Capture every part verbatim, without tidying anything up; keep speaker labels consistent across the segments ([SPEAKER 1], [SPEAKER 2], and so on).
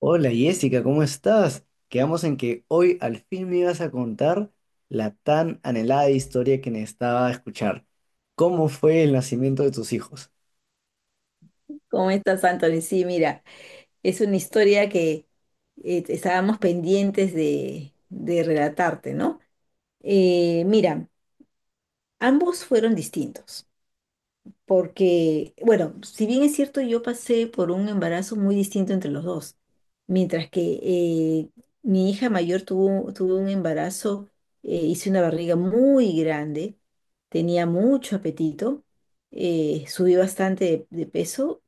[SPEAKER 1] Hola Jessica, ¿cómo estás? Quedamos en que hoy al fin me ibas a contar la tan anhelada historia que necesitaba escuchar. ¿Cómo fue el nacimiento de tus hijos?
[SPEAKER 2] ¿Cómo estás, Anthony? Sí, mira, es una historia que eh, estábamos pendientes de, de relatarte, ¿no? Eh, mira, ambos fueron distintos, porque, bueno, si bien es cierto, yo pasé por un embarazo muy distinto entre los dos, mientras que eh, mi hija mayor tuvo, tuvo un embarazo. Eh, hice una barriga muy grande, tenía mucho apetito. Eh, subí bastante de de peso.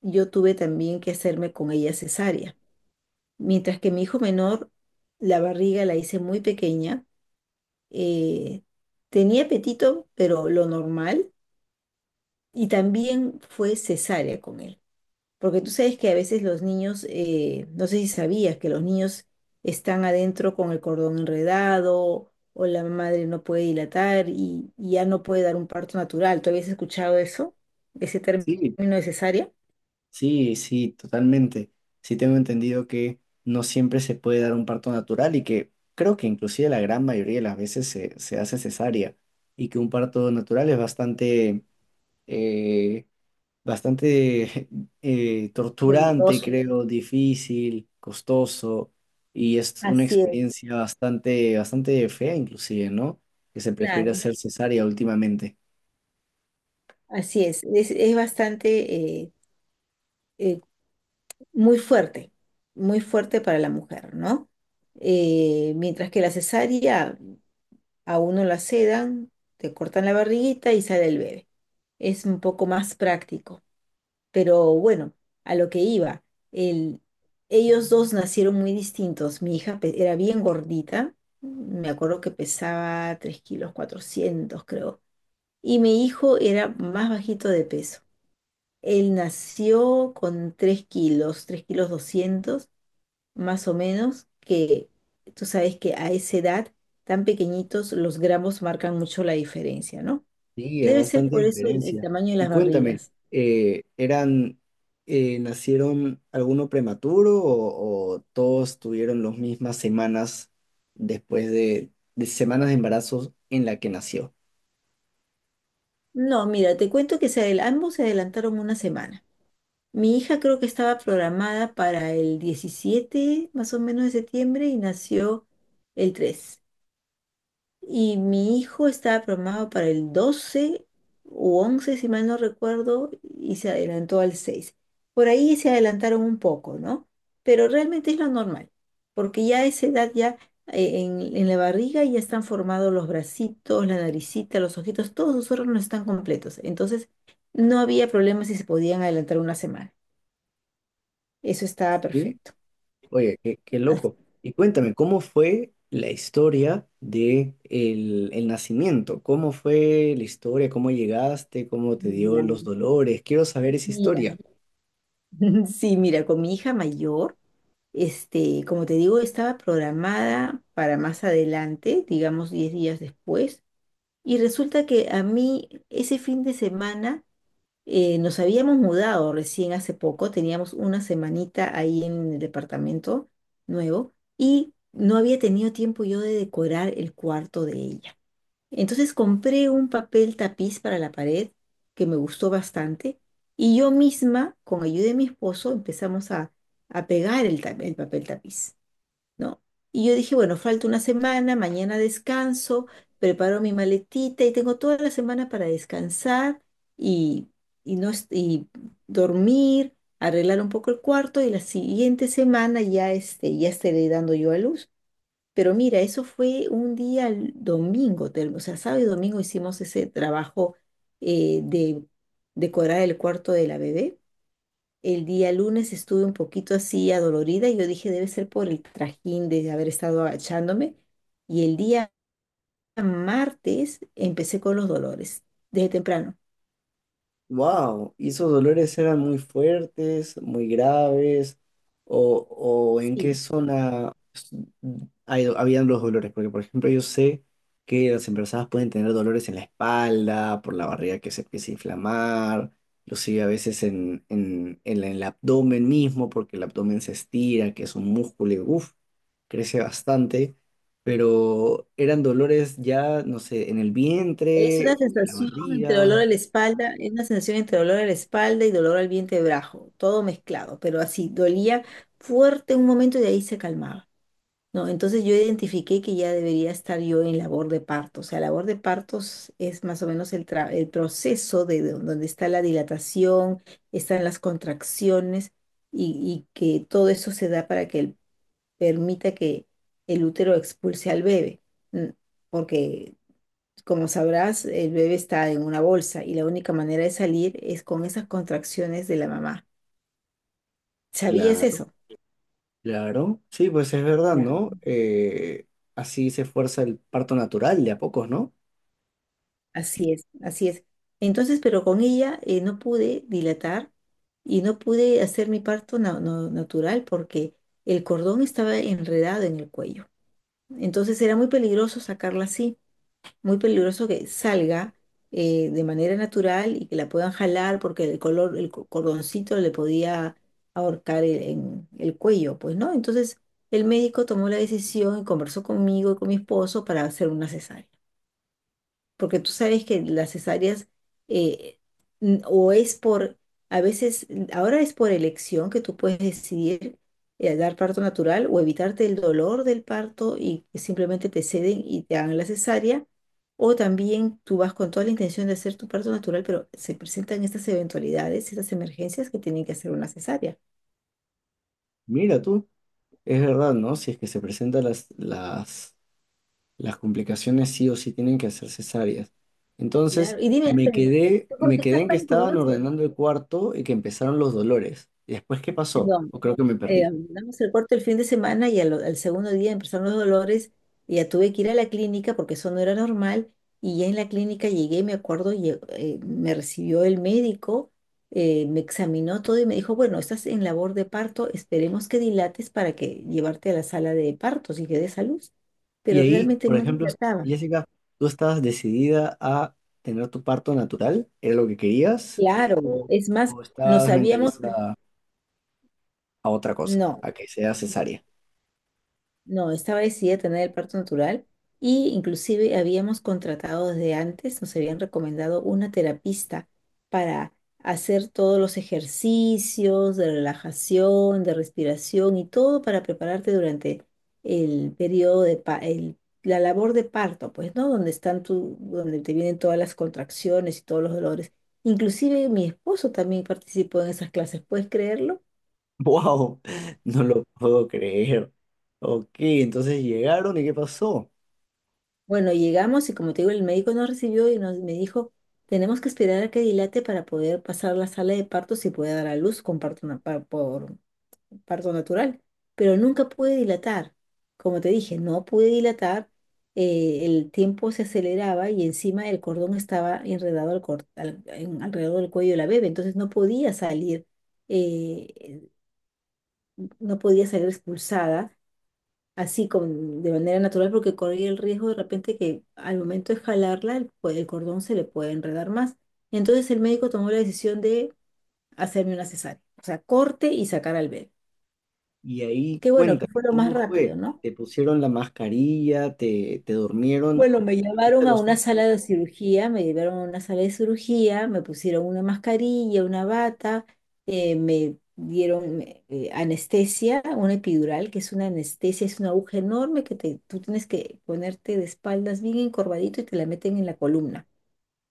[SPEAKER 2] Yo tuve también que hacerme con ella cesárea. Mientras que mi hijo menor, la barriga la hice muy pequeña. Eh, tenía apetito, pero lo normal, y también fue cesárea con él. Porque tú sabes que a veces los niños, eh, no sé si sabías que los niños están adentro con el cordón enredado, o la madre no puede dilatar y, y ya no puede dar un parto natural. ¿Tú habías escuchado eso? ¿Ese término
[SPEAKER 1] Sí,
[SPEAKER 2] de cesárea?
[SPEAKER 1] sí, sí, totalmente. Sí tengo entendido que no siempre se puede dar un parto natural y que creo que inclusive la gran mayoría de las veces se, se hace cesárea y que un parto natural es bastante, eh, bastante eh, torturante,
[SPEAKER 2] Doloroso.
[SPEAKER 1] creo, difícil, costoso, y es una
[SPEAKER 2] Así es,
[SPEAKER 1] experiencia bastante, bastante fea inclusive, ¿no? Que se prefiere
[SPEAKER 2] claro.
[SPEAKER 1] hacer cesárea últimamente.
[SPEAKER 2] Así es. Es, es bastante, eh, eh, muy fuerte, muy fuerte para la mujer, ¿no? Eh, mientras que la cesárea a uno la sedan, te cortan la barriguita y sale el bebé. Es un poco más práctico, pero bueno, a lo que iba, el- ellos dos nacieron muy distintos. Mi hija pe- era bien gordita. Me acuerdo que pesaba tres kilos cuatrocientos, creo. Y mi hijo era más bajito de peso. Él nació con tres kilos, tres kilos doscientos más o menos. Que tú sabes que a esa edad, tan pequeñitos, los gramos marcan mucho la diferencia, ¿no?
[SPEAKER 1] Sí, es
[SPEAKER 2] Debe ser
[SPEAKER 1] bastante
[SPEAKER 2] por eso el, el
[SPEAKER 1] diferencia.
[SPEAKER 2] tamaño de
[SPEAKER 1] Y
[SPEAKER 2] las
[SPEAKER 1] cuéntame,
[SPEAKER 2] barrigas.
[SPEAKER 1] eh, ¿eran, eh, nacieron alguno prematuro o, o todos tuvieron las mismas semanas después de, de semanas de embarazos en la que nació?
[SPEAKER 2] No, mira, te cuento que se adel- ambos se adelantaron una semana. Mi hija, creo, que estaba programada para el diecisiete más o menos, de septiembre, y nació el tres. Y mi hijo estaba programado para el doce u once, si mal no recuerdo, y se adelantó al seis. Por ahí se adelantaron un poco, ¿no? Pero realmente es lo normal, porque ya a esa edad, ya eh, en, en la barriga ya están formados los bracitos, la naricita, los ojitos, todos los órganos están completos. Entonces, no había problema si se podían adelantar una semana. Eso estaba
[SPEAKER 1] Sí.
[SPEAKER 2] perfecto.
[SPEAKER 1] Oye, qué, qué
[SPEAKER 2] Así-
[SPEAKER 1] loco. Y cuéntame, ¿cómo fue la historia de el, el nacimiento? ¿Cómo fue la historia? ¿Cómo llegaste? ¿Cómo te
[SPEAKER 2] Ya,
[SPEAKER 1] dio los dolores? Quiero saber esa
[SPEAKER 2] mira.
[SPEAKER 1] historia.
[SPEAKER 2] Sí, mira, con mi hija mayor. Este, como te digo, estaba programada para más adelante, digamos diez días después. Y resulta que a mí, ese fin de semana, eh, nos habíamos mudado recién hace poco, teníamos una semanita ahí en el departamento nuevo, y no había tenido tiempo yo de decorar el cuarto de ella. Entonces compré un papel tapiz para la pared que me gustó bastante, y yo misma, con ayuda de mi esposo, empezamos a, a pegar el ta- el papel tapiz. ¿No? Y yo dije, bueno, falta una semana, mañana descanso, preparo mi maletita y tengo toda la semana para descansar y, y no, est- y dormir, arreglar un poco el cuarto, y la siguiente semana ya, este, ya estaré dando yo a luz. Pero mira, eso fue un día l- domingo, te- o sea, sábado y domingo hicimos ese trabajo, eh, de decorar el cuarto de la bebé. El día lunes estuve un poquito así adolorida, y yo dije debe ser por el trajín de haber estado agachándome. Y el día martes empecé con los dolores, desde temprano.
[SPEAKER 1] Wow, ¿y esos dolores eran muy fuertes, muy graves? ¿O, o en qué
[SPEAKER 2] Sí,
[SPEAKER 1] zona s- hay- habían los dolores? Porque, por ejemplo, yo sé que las embarazadas pueden tener dolores en la espalda, por la barriga que se empieza a inflamar, inclusive a veces en, en, en el abdomen mismo, porque el abdomen se estira, que es un músculo y uf, crece bastante. Pero eran dolores ya, no sé, en el
[SPEAKER 2] es
[SPEAKER 1] vientre, en
[SPEAKER 2] una
[SPEAKER 1] la
[SPEAKER 2] sensación entre dolor
[SPEAKER 1] barriga,
[SPEAKER 2] a la espalda, es una sensación entre dolor a la espalda y dolor al vientre bajo, todo mezclado, pero así, dolía fuerte un momento y de ahí se calmaba. No, entonces yo identifiqué que ya debería estar yo en labor de parto. O sea, labor de partos es más o menos el, tra- el proceso de, de donde está la dilatación, están las contracciones y, y que todo eso se da para que el- permita que el útero expulse al bebé. Mm, Porque, como sabrás, el bebé está en una bolsa y la única manera de salir es con esas contracciones de la mamá. ¿Sabías
[SPEAKER 1] claro.
[SPEAKER 2] eso?
[SPEAKER 1] Claro, sí, pues es verdad, ¿no? Eh, así se fuerza el parto natural de a pocos, ¿no?
[SPEAKER 2] Así es, así es. Entonces, pero con ella, eh, no pude dilatar y no pude hacer mi parto na- no- natural, porque el cordón estaba enredado en el cuello. Entonces era muy peligroso sacarla así, muy peligroso que salga, eh, de manera natural, y que la puedan jalar, porque el color, el co- cordoncito le podía ahorcar el, en el cuello, pues, ¿no? Entonces el médico tomó la decisión y conversó conmigo y con mi esposo para hacer una cesárea. Porque tú sabes que las cesáreas, eh, n- o es por, a veces, ahora es por elección, que tú puedes decidir, eh, dar parto natural o evitarte el dolor del parto y simplemente te ceden y te hagan la cesárea, o también tú vas con toda la intención de hacer tu parto natural, pero se presentan estas eventualidades, estas emergencias que tienen que hacer una cesárea.
[SPEAKER 1] Mira tú, es verdad, ¿no? Si es que se presentan las, las, las complicaciones, sí o sí tienen que hacer cesáreas.
[SPEAKER 2] Claro.
[SPEAKER 1] Entonces,
[SPEAKER 2] Y dime,
[SPEAKER 1] me
[SPEAKER 2] Ángel,
[SPEAKER 1] quedé,
[SPEAKER 2] ¿tú por
[SPEAKER 1] me
[SPEAKER 2] qué
[SPEAKER 1] quedé
[SPEAKER 2] estás
[SPEAKER 1] en que
[SPEAKER 2] tan
[SPEAKER 1] estaban
[SPEAKER 2] curioso?
[SPEAKER 1] ordenando el cuarto y que empezaron los dolores. ¿Y después qué pasó?
[SPEAKER 2] No.
[SPEAKER 1] O creo que me
[SPEAKER 2] eh,
[SPEAKER 1] perdí.
[SPEAKER 2] damos el corte el fin de semana, y al, al segundo día empezaron los dolores, y ya tuve que ir a la clínica porque eso no era normal. Y ya en la clínica llegué, me acuerdo. Lle- eh, me recibió el médico, eh, me examinó todo y me dijo, bueno, estás en labor de parto, esperemos que dilates para que llevarte a la sala de partos y que des a luz,
[SPEAKER 1] Y
[SPEAKER 2] pero
[SPEAKER 1] ahí,
[SPEAKER 2] realmente
[SPEAKER 1] por
[SPEAKER 2] no
[SPEAKER 1] ejemplo,
[SPEAKER 2] dilataba.
[SPEAKER 1] Jessica, ¿tú estabas decidida a tener tu parto natural? ¿Era lo que querías?
[SPEAKER 2] Claro,
[SPEAKER 1] ¿O,
[SPEAKER 2] es más.
[SPEAKER 1] o
[SPEAKER 2] nos
[SPEAKER 1] estabas
[SPEAKER 2] habíamos,
[SPEAKER 1] mentalizada a otra cosa,
[SPEAKER 2] no.
[SPEAKER 1] a que sea
[SPEAKER 2] No,
[SPEAKER 1] cesárea?
[SPEAKER 2] no, estaba decidida a tener el parto natural, y inclusive habíamos contratado desde antes, nos habían recomendado una terapista para hacer todos los ejercicios de relajación, de respiración y todo para prepararte durante el periodo de pa- el- la labor de parto, pues, ¿no? Donde están tu, donde te vienen todas las contracciones y todos los dolores. Inclusive mi esposo también participó en esas clases, ¿puedes creerlo?
[SPEAKER 1] ¡Wow! No lo puedo creer. Ok, entonces llegaron y ¿qué pasó?
[SPEAKER 2] Bueno, llegamos y como te digo, el médico nos recibió y nos, me dijo, tenemos que esperar a que dilate para poder pasar a la sala de partos y poder dar a luz con parto, na- par- por parto natural. Pero nunca pude dilatar. Como te dije, no pude dilatar. Eh, el tiempo se aceleraba, y encima el cordón estaba enredado al cor- al- en- alrededor del cuello de la bebé. Entonces no podía salir, eh, no podía salir expulsada así con, de manera natural, porque corría el riesgo de repente que al momento de jalarla el, co- el cordón se le puede enredar más. Entonces el médico tomó la decisión de hacerme una cesárea, o sea, corte y sacar al bebé.
[SPEAKER 1] Y ahí
[SPEAKER 2] Qué bueno, que
[SPEAKER 1] cuéntame,
[SPEAKER 2] fue lo más
[SPEAKER 1] ¿cómo fue?
[SPEAKER 2] rápido, ¿no?
[SPEAKER 1] ¿Te pusieron la mascarilla? ¿Te, te durmieron?
[SPEAKER 2] Bueno, me
[SPEAKER 1] ¿Abriste
[SPEAKER 2] llevaron a
[SPEAKER 1] los
[SPEAKER 2] una sala
[SPEAKER 1] ojos?
[SPEAKER 2] de cirugía, me llevaron a una sala de cirugía, me pusieron una mascarilla, una bata, eh, me dieron eh, eh, anestesia, una epidural, que es una anestesia, es una aguja enorme que te, tú tienes que ponerte de espaldas bien encorvadito y te la meten en la columna.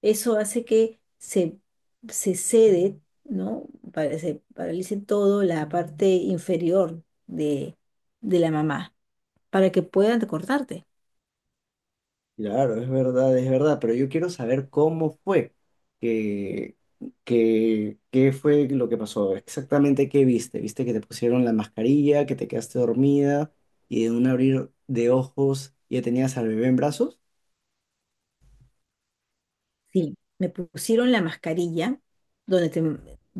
[SPEAKER 2] Eso hace que se, se cede, ¿no? Para- se paralice todo la parte inferior de, de la mamá, para que puedan cortarte.
[SPEAKER 1] Claro, es verdad, es verdad, pero yo quiero saber cómo fue, que, que, qué fue lo que pasó, exactamente qué viste. ¿Viste que te pusieron la mascarilla, que te quedaste dormida y de un abrir de ojos ya tenías al bebé en brazos?
[SPEAKER 2] Sí, me pusieron la mascarilla, donde te,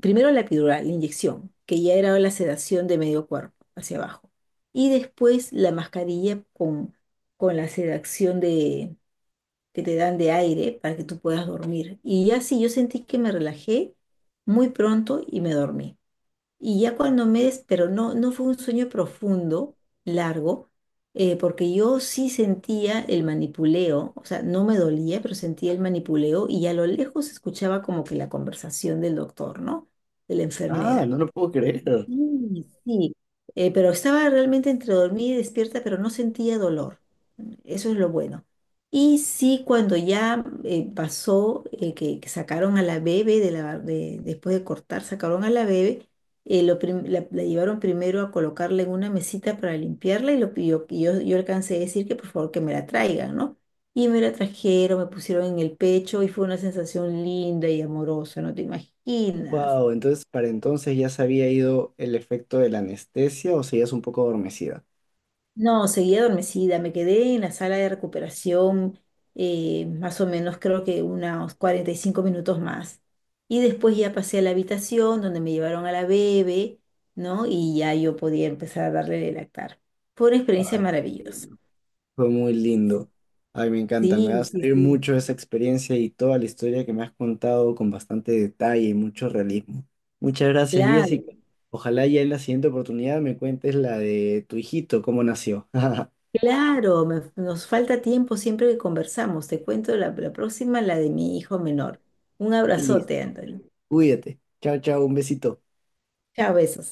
[SPEAKER 2] primero la epidural, la inyección, que ya era la sedación de medio cuerpo hacia abajo. Y después la mascarilla con, con la sedación de, que te dan de aire para que tú puedas dormir. Y ya sí, yo sentí que me relajé muy pronto y me dormí. Y ya cuando me des, pero no, no fue un sueño profundo, largo. Eh, porque yo sí sentía el manipuleo, o sea, no me dolía, pero sentía el manipuleo, y a lo lejos escuchaba como que la conversación del doctor, ¿no? De la
[SPEAKER 1] Ah,
[SPEAKER 2] enfermera.
[SPEAKER 1] no lo puedo creer.
[SPEAKER 2] Sí, sí. Eh, pero estaba realmente entre dormida y despierta, pero no sentía dolor. Eso es lo bueno. Y sí, cuando ya eh, pasó, eh, que, que sacaron a la bebé, de la, de- después de cortar, sacaron a la bebé, eh, lo prim- la, la llevaron primero a colocarla en una mesita para limpiarla, y, lo, y yo, y yo, yo alcancé a decir que por favor que me la traigan, ¿no? Y me la trajeron, me pusieron en el pecho, y fue una sensación linda y amorosa, no te imaginas.
[SPEAKER 1] Wow, entonces para entonces ya se había ido el efecto de la anestesia o seguías un poco adormecida.
[SPEAKER 2] No, seguía adormecida, me quedé en la sala de recuperación, eh, más o menos creo que unos cuarenta y cinco minutos más. Y después ya pasé a la habitación donde me llevaron a la bebé, ¿no? Y ya yo podía empezar a darle de lactar. Fue una experiencia
[SPEAKER 1] Ay, qué
[SPEAKER 2] maravillosa.
[SPEAKER 1] lindo. Fue muy lindo. Ay, me encanta. Me va
[SPEAKER 2] Sí,
[SPEAKER 1] a
[SPEAKER 2] sí,
[SPEAKER 1] servir
[SPEAKER 2] sí.
[SPEAKER 1] mucho esa experiencia y toda la historia que me has contado con bastante detalle y mucho realismo. Muchas gracias,
[SPEAKER 2] Claro,
[SPEAKER 1] Jessica. Ojalá ya en la siguiente oportunidad me cuentes la de tu hijito, cómo nació.
[SPEAKER 2] claro. Me- nos falta tiempo siempre que conversamos. Te cuento la, la próxima, la de mi hijo menor. Un abrazote,
[SPEAKER 1] Listo.
[SPEAKER 2] Antonio.
[SPEAKER 1] Cuídate. Chao, chao. Un besito.
[SPEAKER 2] Chao, besos.